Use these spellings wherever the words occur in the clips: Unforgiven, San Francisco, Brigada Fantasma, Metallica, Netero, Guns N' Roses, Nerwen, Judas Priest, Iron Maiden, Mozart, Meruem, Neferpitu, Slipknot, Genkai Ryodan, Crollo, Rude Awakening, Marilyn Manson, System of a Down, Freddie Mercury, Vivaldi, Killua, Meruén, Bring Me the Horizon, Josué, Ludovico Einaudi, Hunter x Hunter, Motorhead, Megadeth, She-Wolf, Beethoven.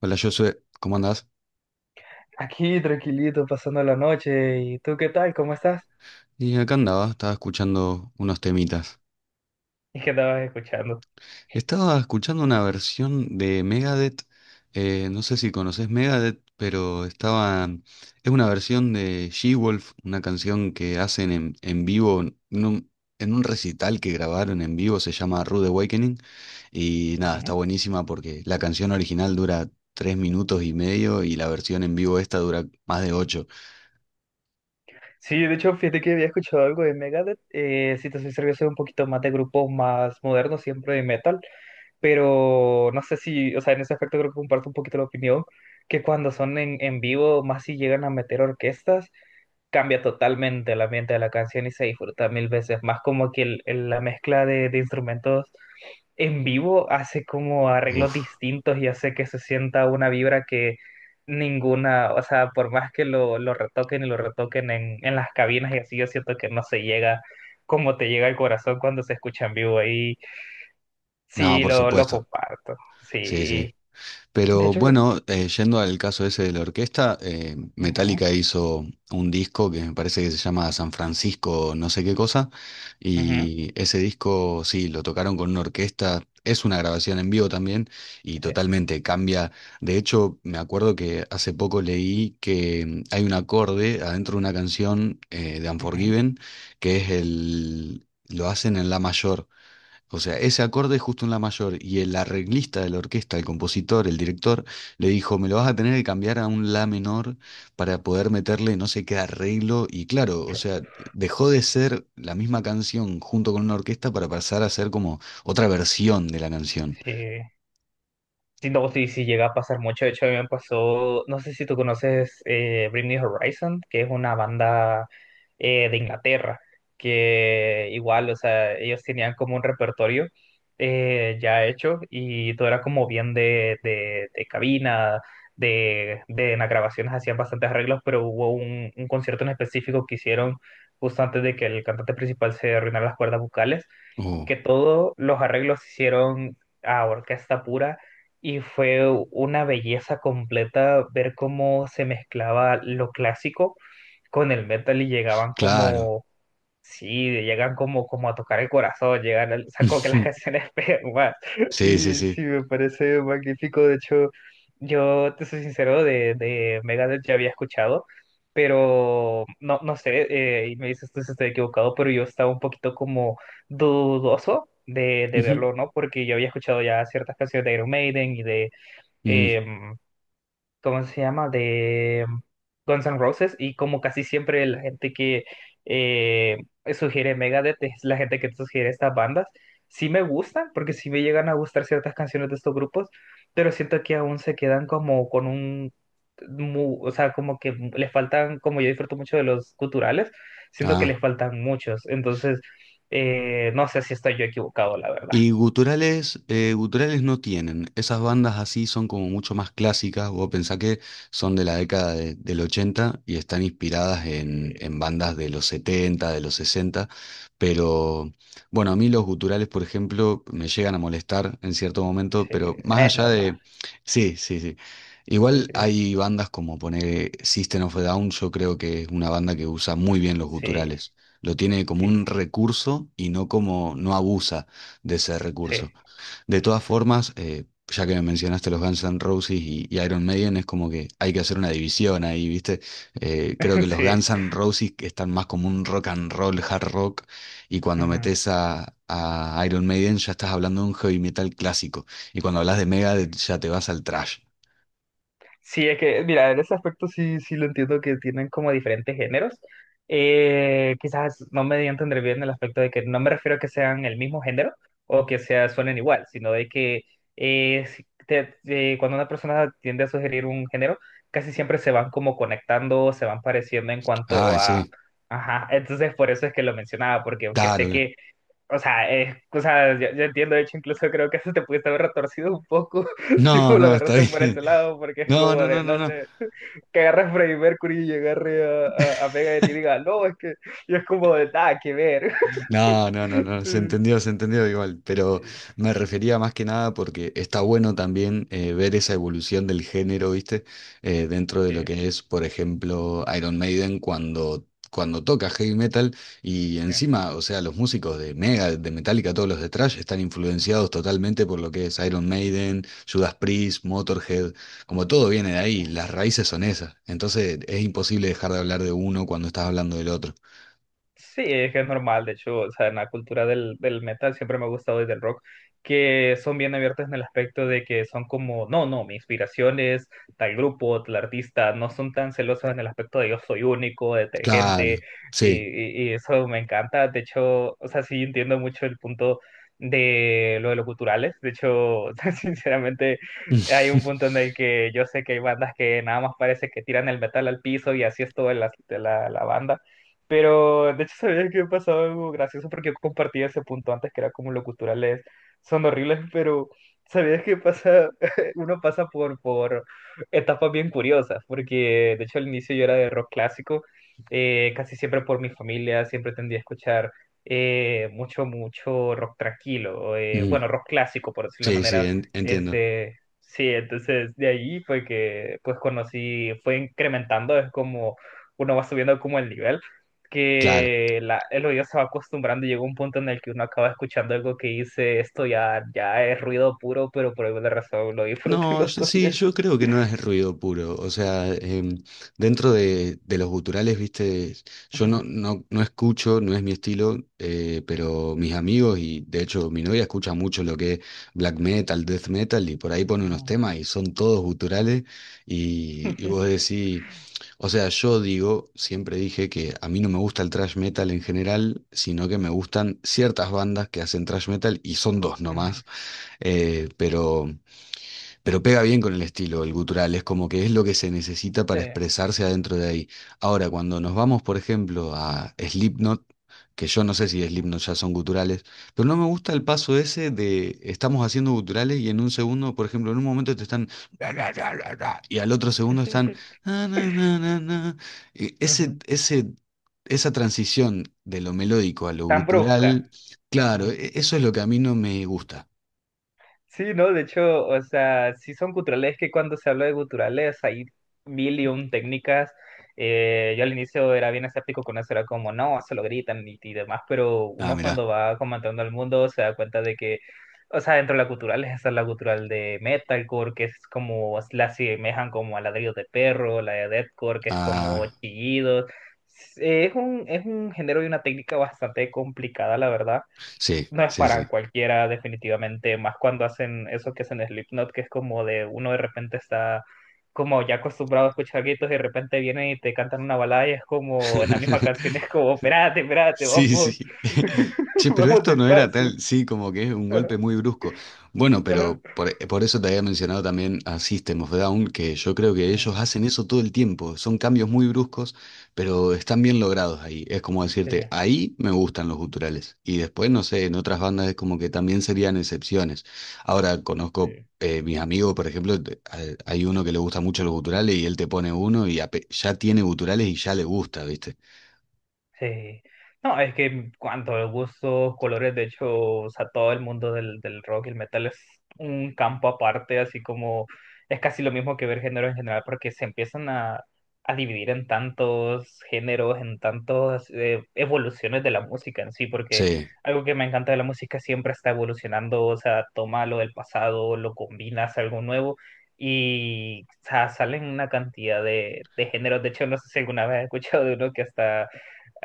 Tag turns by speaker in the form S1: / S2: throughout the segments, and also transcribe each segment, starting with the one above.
S1: Hola Josué, ¿cómo andás?
S2: Aquí tranquilito, pasando la noche. ¿Y tú qué tal? ¿Cómo estás?
S1: Y acá andaba, estaba escuchando unos temitas.
S2: ¿Y qué estabas escuchando?
S1: Estaba escuchando una versión de Megadeth, no sé si conoces Megadeth, pero estaba... Es una versión de She-Wolf, una canción que hacen en vivo, en un, en un recital que grabaron en vivo, se llama Rude Awakening, y nada, está
S2: Ujú.
S1: buenísima porque la canción original dura 3 minutos y medio y la versión en vivo esta dura más de ocho.
S2: Sí, de hecho, fíjate que había escuchado algo de Megadeth. Si te soy serio, soy un poquito más de grupos más modernos, siempre de metal. Pero no sé si, o sea, en ese aspecto creo que comparto un poquito la opinión, que cuando son en vivo, más si llegan a meter orquestas, cambia totalmente el ambiente de la canción y se disfruta mil veces más, como que la mezcla de instrumentos en vivo hace como arreglos
S1: Uf,
S2: distintos y hace que se sienta una vibra que ninguna, o sea, por más que lo retoquen y lo retoquen en las cabinas y así, yo siento que no se llega como te llega al corazón cuando se escucha en vivo. Y
S1: no,
S2: sí,
S1: por
S2: lo
S1: supuesto,
S2: comparto,
S1: sí, sí.
S2: sí. De
S1: Pero
S2: hecho,
S1: bueno, yendo al caso ese de la orquesta,
S2: ujú,
S1: Metallica hizo un disco que me parece que se llama San Francisco, no sé qué cosa,
S2: ujú,
S1: y ese disco sí, lo tocaron con una orquesta, es una grabación en vivo también, y
S2: sí,
S1: totalmente cambia. De hecho, me acuerdo que hace poco leí que hay un acorde adentro de una canción de
S2: ujú,
S1: Unforgiven, que es el... Lo hacen en la mayor. O sea, ese acorde es justo en la mayor y el arreglista de la orquesta, el compositor, el director, le dijo, me lo vas a tener que cambiar a un la menor para poder meterle no sé qué arreglo. Y claro, o sea, dejó de ser la misma canción junto con una orquesta para pasar a ser como otra versión de la canción.
S2: sí. Sí, no, sí, sí llega a pasar mucho. De hecho, a mí me pasó, no sé si tú conoces, Bring Me Horizon, que es una banda de Inglaterra, que igual, o sea, ellos tenían como un repertorio ya hecho, y todo era como bien de, de cabina, de en las grabaciones hacían bastantes arreglos, pero hubo un concierto en específico que hicieron justo antes de que el cantante principal se arruinara las cuerdas vocales,
S1: Oh,
S2: que todos los arreglos se hicieron a orquesta pura, y fue una belleza completa ver cómo se mezclaba lo clásico con el metal, y llegaban
S1: claro.
S2: como... Sí, llegan como, como a tocar el corazón, llegan, saco que las canciones pegan más.
S1: Sí, sí,
S2: Y
S1: sí.
S2: sí, me parece magnífico. De hecho, yo te soy sincero, de Megadeth ya había escuchado, pero no, no sé, y me dices tú si estoy equivocado, pero yo estaba un poquito como dudoso de
S1: Ujú.
S2: verlo, ¿no? Porque yo había escuchado ya ciertas canciones de Iron Maiden y de
S1: Mm,
S2: em, ¿cómo se llama? De Guns N' Roses. Y como casi siempre la gente que eh, sugiere Megadeth es la gente que sugiere estas bandas. Sí me gustan, porque sí me llegan a gustar ciertas canciones de estos grupos, pero siento que aún se quedan como con un... O sea, como que les faltan, como yo disfruto mucho de los culturales, siento que
S1: ah.
S2: les faltan muchos. Entonces, no sé si estoy yo equivocado, la verdad.
S1: Y guturales, guturales no tienen. Esas bandas así son como mucho más clásicas. Vos pensá que son de la década del 80 y están inspiradas en
S2: Sí,
S1: bandas de los 70, de los sesenta. Pero bueno, a mí los guturales, por ejemplo, me llegan a molestar en cierto momento,
S2: sí,
S1: pero más
S2: es
S1: allá
S2: normal.
S1: de... Sí, sí, sí.
S2: Sí,
S1: Igual hay bandas como poner System of a Down, yo creo que es una banda que usa muy bien los
S2: sí,
S1: guturales. Lo tiene como
S2: sí,
S1: un recurso y no como, no abusa de ese
S2: sí.
S1: recurso. De todas formas, ya que me mencionaste los Guns N' Roses y Iron Maiden, es como que hay que hacer una división ahí, ¿viste? Creo que los
S2: Sí.
S1: Guns N' Roses están más como un rock and roll, hard rock, y cuando
S2: Ujú,
S1: metes a Iron Maiden ya estás hablando de un heavy metal clásico, y cuando hablas de
S2: sí.
S1: Megadeth ya te vas al thrash.
S2: Sí, es que, mira, en ese aspecto sí, sí lo entiendo, que tienen como diferentes géneros. Quizás no me di a entender bien. El aspecto de que no me refiero a que sean el mismo género o que sea, suenen igual, sino de que si te- cuando una persona tiende a sugerir un género, casi siempre se van como conectando, se van pareciendo en cuanto
S1: Ah,
S2: a...
S1: sí,
S2: Ajá, entonces por eso es que lo mencionaba, porque aunque sé
S1: claro.
S2: que... O sea, yo, entiendo, de hecho, incluso creo que eso te pudiste haber retorcido un poco si
S1: No,
S2: vos lo
S1: no, está
S2: agarraste por
S1: bien.
S2: ese lado, porque es
S1: No,
S2: como
S1: no,
S2: de,
S1: no, no,
S2: no
S1: no.
S2: sé, que agarre a Freddie Mercury y agarre a, a Megadeth y diga, no, es que, y es como de, nada que ver.
S1: No, no, no, no, se entendió igual,
S2: Sí,
S1: pero me refería más que nada porque está bueno también ver esa evolución del género, ¿viste? Dentro de
S2: sí,
S1: lo que es, por ejemplo, Iron Maiden cuando toca heavy metal y
S2: sí,
S1: encima, o sea, los músicos de Mega, de Metallica, todos los de Thrash están influenciados totalmente por lo que es Iron Maiden, Judas Priest, Motorhead, como todo viene de
S2: sí.
S1: ahí, las raíces son esas, entonces es imposible dejar de hablar de uno cuando estás hablando del otro.
S2: Sí, es que es normal, de hecho, o sea, en la cultura del, del metal siempre me ha gustado desde el rock, que son bien abiertos en el aspecto de que son como, no, no, mi inspiración es tal grupo, tal artista, no son tan celosos en el aspecto de yo soy único,
S1: Claro,
S2: detergente,
S1: sí.
S2: y eso me encanta, de hecho, o sea, sí entiendo mucho el punto de lo de los culturales, de hecho, o sea, sinceramente, hay un punto en el que yo sé que hay bandas que nada más parece que tiran el metal al piso y así es todo la, la banda. Pero de hecho, sabía que pasaba algo gracioso porque yo compartía ese punto antes, que era como lo culturales son horribles, pero sabías que pasa, uno pasa por etapas bien curiosas, porque de hecho al inicio yo era de rock clásico, casi siempre por mi familia, siempre tendía a escuchar mucho, mucho rock tranquilo,
S1: Mm,
S2: bueno, rock clásico por decirlo de
S1: sí, sí,
S2: manera,
S1: entiendo.
S2: este, sí, entonces de ahí fue que pues conocí, fue incrementando, es como uno va subiendo como el nivel,
S1: Claro.
S2: que la, el oído se va acostumbrando, y llega un punto en el que uno acaba escuchando algo que dice, esto ya, ya es ruido puro, pero por alguna razón lo disfruto y
S1: No,
S2: lo
S1: sí,
S2: tolero.
S1: yo creo que no es ruido puro. O sea, dentro de los guturales, viste, yo no,
S2: Ujú,
S1: no, no escucho, no es mi estilo, pero mis amigos y de hecho mi novia escucha mucho lo que es black metal, death metal y por ahí pone unos
S2: ujú,
S1: temas y son todos guturales y vos decís. O sea, yo digo, siempre dije que a mí no me gusta el thrash metal en general, sino que me gustan ciertas bandas que hacen thrash metal y son dos
S2: ujú,
S1: nomás, pero pega bien con el estilo, el gutural, es como que es lo que se necesita
S2: sí,
S1: para expresarse adentro de ahí. Ahora, cuando nos vamos, por ejemplo, a Slipknot, que yo no sé si
S2: ujú,
S1: Slipknot ya son guturales, pero no me gusta el paso ese de estamos haciendo guturales y en un segundo, por ejemplo, en un momento te están y al otro segundo están na, na, na, na, na. Y
S2: ujú.
S1: esa transición de lo melódico a lo
S2: Tan brusca.
S1: gutural, claro,
S2: Ujú.
S1: eso es lo que a mí no me gusta.
S2: Sí, no, de hecho, o sea, sí son guturales. Es que cuando se habla de guturales hay mil y un técnicas. Yo al inicio era bien escéptico con eso, era como, no, se lo gritan y demás, pero
S1: Ah,
S2: uno cuando
S1: mirá.
S2: va comentando al mundo se da cuenta de que, o sea, dentro de la gutural, esa es la gutural de metalcore, que es como, la asemejan como a ladrillos de perro, la de deathcore, que es como
S1: Ah.
S2: chillidos. Es un género y una técnica bastante complicada, la verdad,
S1: Sí,
S2: no es
S1: sí,
S2: para
S1: sí.
S2: cualquiera, definitivamente, más cuando hacen eso que hacen Slipknot, que es como de uno de repente está como ya acostumbrado a escuchar gritos y de repente vienen y te cantan una balada y es como en la misma canción es como, espérate, espérate,
S1: Sí,
S2: vamos,
S1: sí. Che, pero
S2: vamos
S1: esto no era
S2: despacio.
S1: tal, sí, como que es un
S2: Ajá,
S1: golpe muy brusco. Bueno,
S2: ajá.
S1: pero por eso te había mencionado también a System of a Down, que yo creo que
S2: Sí,
S1: ellos hacen eso todo el tiempo. Son cambios muy bruscos, pero están bien logrados ahí. Es como
S2: sí,
S1: decirte, ahí me gustan los guturales. Y después, no sé, en otras bandas es como que también serían excepciones. Ahora conozco
S2: sí.
S1: mis amigos, por ejemplo, hay uno que le gusta mucho los guturales y él te pone uno y ya tiene guturales y ya le gusta, ¿viste?
S2: Sí. No, es que en cuanto a gustos, colores, de hecho, o sea, todo el mundo del, del rock y el metal es un campo aparte, así como es casi lo mismo que ver género en general, porque se empiezan a dividir en tantos géneros, en tantas evoluciones de la música en sí, porque
S1: Sí.
S2: algo que me encanta de la música, siempre está evolucionando, o sea, toma lo del pasado, lo combina, hace algo nuevo. Y o sea, salen una cantidad de géneros. De hecho, no sé si alguna vez has escuchado de uno que hasta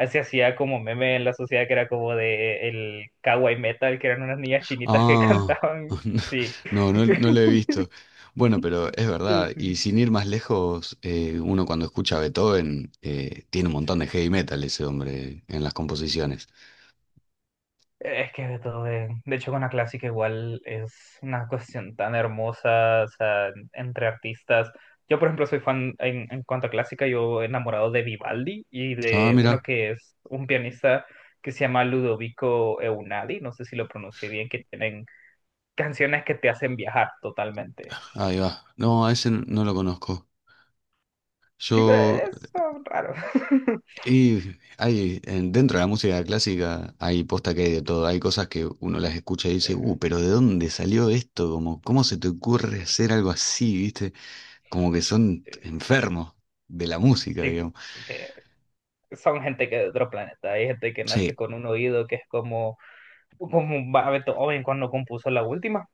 S2: se hacía como meme en la sociedad, que era como de el kawaii metal, que eran unas niñas chinitas que
S1: Ah,
S2: cantaban. Sí.
S1: no, no lo he visto. Bueno, pero es verdad, y
S2: Sí.
S1: sin ir más lejos, uno cuando escucha a Beethoven, tiene un montón de
S2: Sí.
S1: heavy metal ese hombre en las composiciones.
S2: Es que de todo, de hecho con la clásica igual es una cuestión tan hermosa, o sea, entre artistas. Yo, por ejemplo, soy fan en cuanto a clásica, yo enamorado de Vivaldi y
S1: Ah,
S2: de uno
S1: mira,
S2: que es un pianista que se llama Ludovico Eunadi, no sé si lo pronuncié bien, que tienen canciones que te hacen viajar totalmente.
S1: ahí va. No, a ese no lo conozco.
S2: Sí, pero
S1: Yo,
S2: es son raros.
S1: y hay, en- dentro de la música clásica hay posta que hay de todo. Hay cosas que uno las escucha y dice,
S2: Eh,
S1: pero ¿de dónde salió esto? Como, ¿cómo se te ocurre
S2: eh,
S1: hacer algo así, viste? Como que son
S2: Eh,
S1: enfermos de la música,
S2: Sí,
S1: digamos.
S2: que son gente que de otro planeta. Hay gente que nace
S1: Sí,
S2: con un oído que es como, como un Beethoven cuando compuso la última.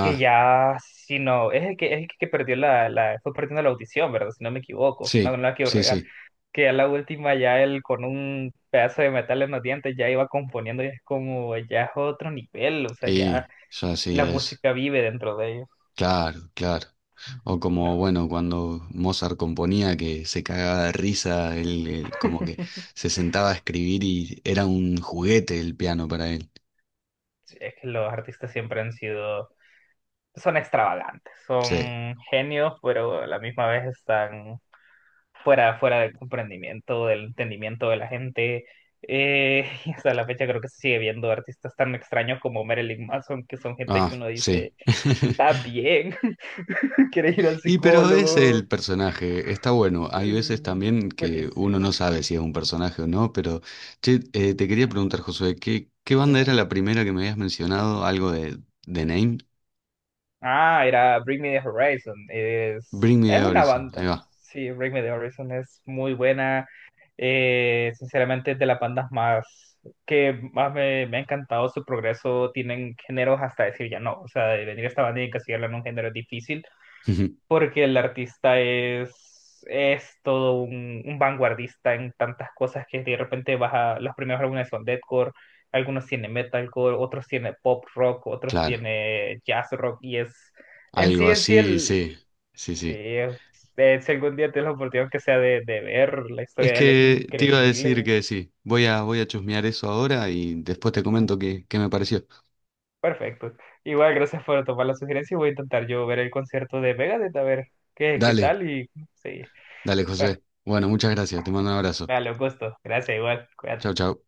S2: Que ya, si no, es el que perdió la, la, fue perdiendo la audición, ¿verdad? Si no me equivoco, no, no
S1: sí,
S2: la quiero
S1: sí,
S2: regar.
S1: sí.
S2: Que ya la última, ya él con un pedazo de metal en los dientes ya iba componiendo, y es como, ya es otro nivel, o sea, ya
S1: Y ya sí
S2: la
S1: es.
S2: música vive dentro de ellos.
S1: Claro, claro. O
S2: Sí, me
S1: como,
S2: parece.
S1: bueno, cuando Mozart componía que se cagaba de risa, él como que se sentaba a escribir y era un juguete el piano para él.
S2: Sí, es que los artistas siempre han sido, son extravagantes,
S1: Sí,
S2: son genios, pero a la misma vez están fuera, fuera del comprendimiento, del entendimiento de la gente. Y hasta la fecha creo que se sigue viendo artistas tan extraños como Marilyn Manson, que son gente que
S1: ah,
S2: uno
S1: sí.
S2: dice, está bien, quiere ir al
S1: Y pero es
S2: psicólogo.
S1: el personaje, está bueno.
S2: Sí,
S1: Hay veces también que uno no
S2: buenísimo.
S1: sabe si es un personaje o no, pero che, te quería
S2: Mm,
S1: preguntar, Josué, ¿qué banda era
S2: Dime.
S1: la primera que me habías mencionado? ¿Algo de The Name?
S2: Ah, era Bring Me the Horizon.
S1: Bring Me
S2: Es
S1: the
S2: una
S1: Horizon,
S2: banda.
S1: ahí va.
S2: Sí, Bring Me the Horizon es muy buena. Sinceramente, es de las bandas más que más me, me ha encantado su progreso. Tienen géneros hasta decir ya no. O sea, de venir a esta banda y encasillarla en un género es difícil porque el artista es todo un vanguardista en tantas cosas que de repente vas a, los primeros álbumes son deathcore, algunos tiene metalcore, otros tiene pop rock, otros
S1: Claro,
S2: tiene jazz rock, y es,
S1: algo
S2: en sí,
S1: así,
S2: el,
S1: sí, sí,
S2: sí,
S1: sí.
S2: si algún día tienes la oportunidad que sea de ver la
S1: Es
S2: historia de él, es
S1: que te iba a decir
S2: increíble.
S1: que sí, voy a, chusmear eso ahora y después te comento qué me pareció.
S2: Perfecto. Igual, gracias por tomar la sugerencia y voy a intentar yo ver el concierto de Megadeth a ver qué, qué
S1: Dale,
S2: tal y sí.
S1: dale,
S2: Bueno,
S1: José. Bueno, muchas gracias, te mando un abrazo.
S2: dale, un gusto. Gracias, igual.
S1: Chau,
S2: Cuídate.
S1: chau.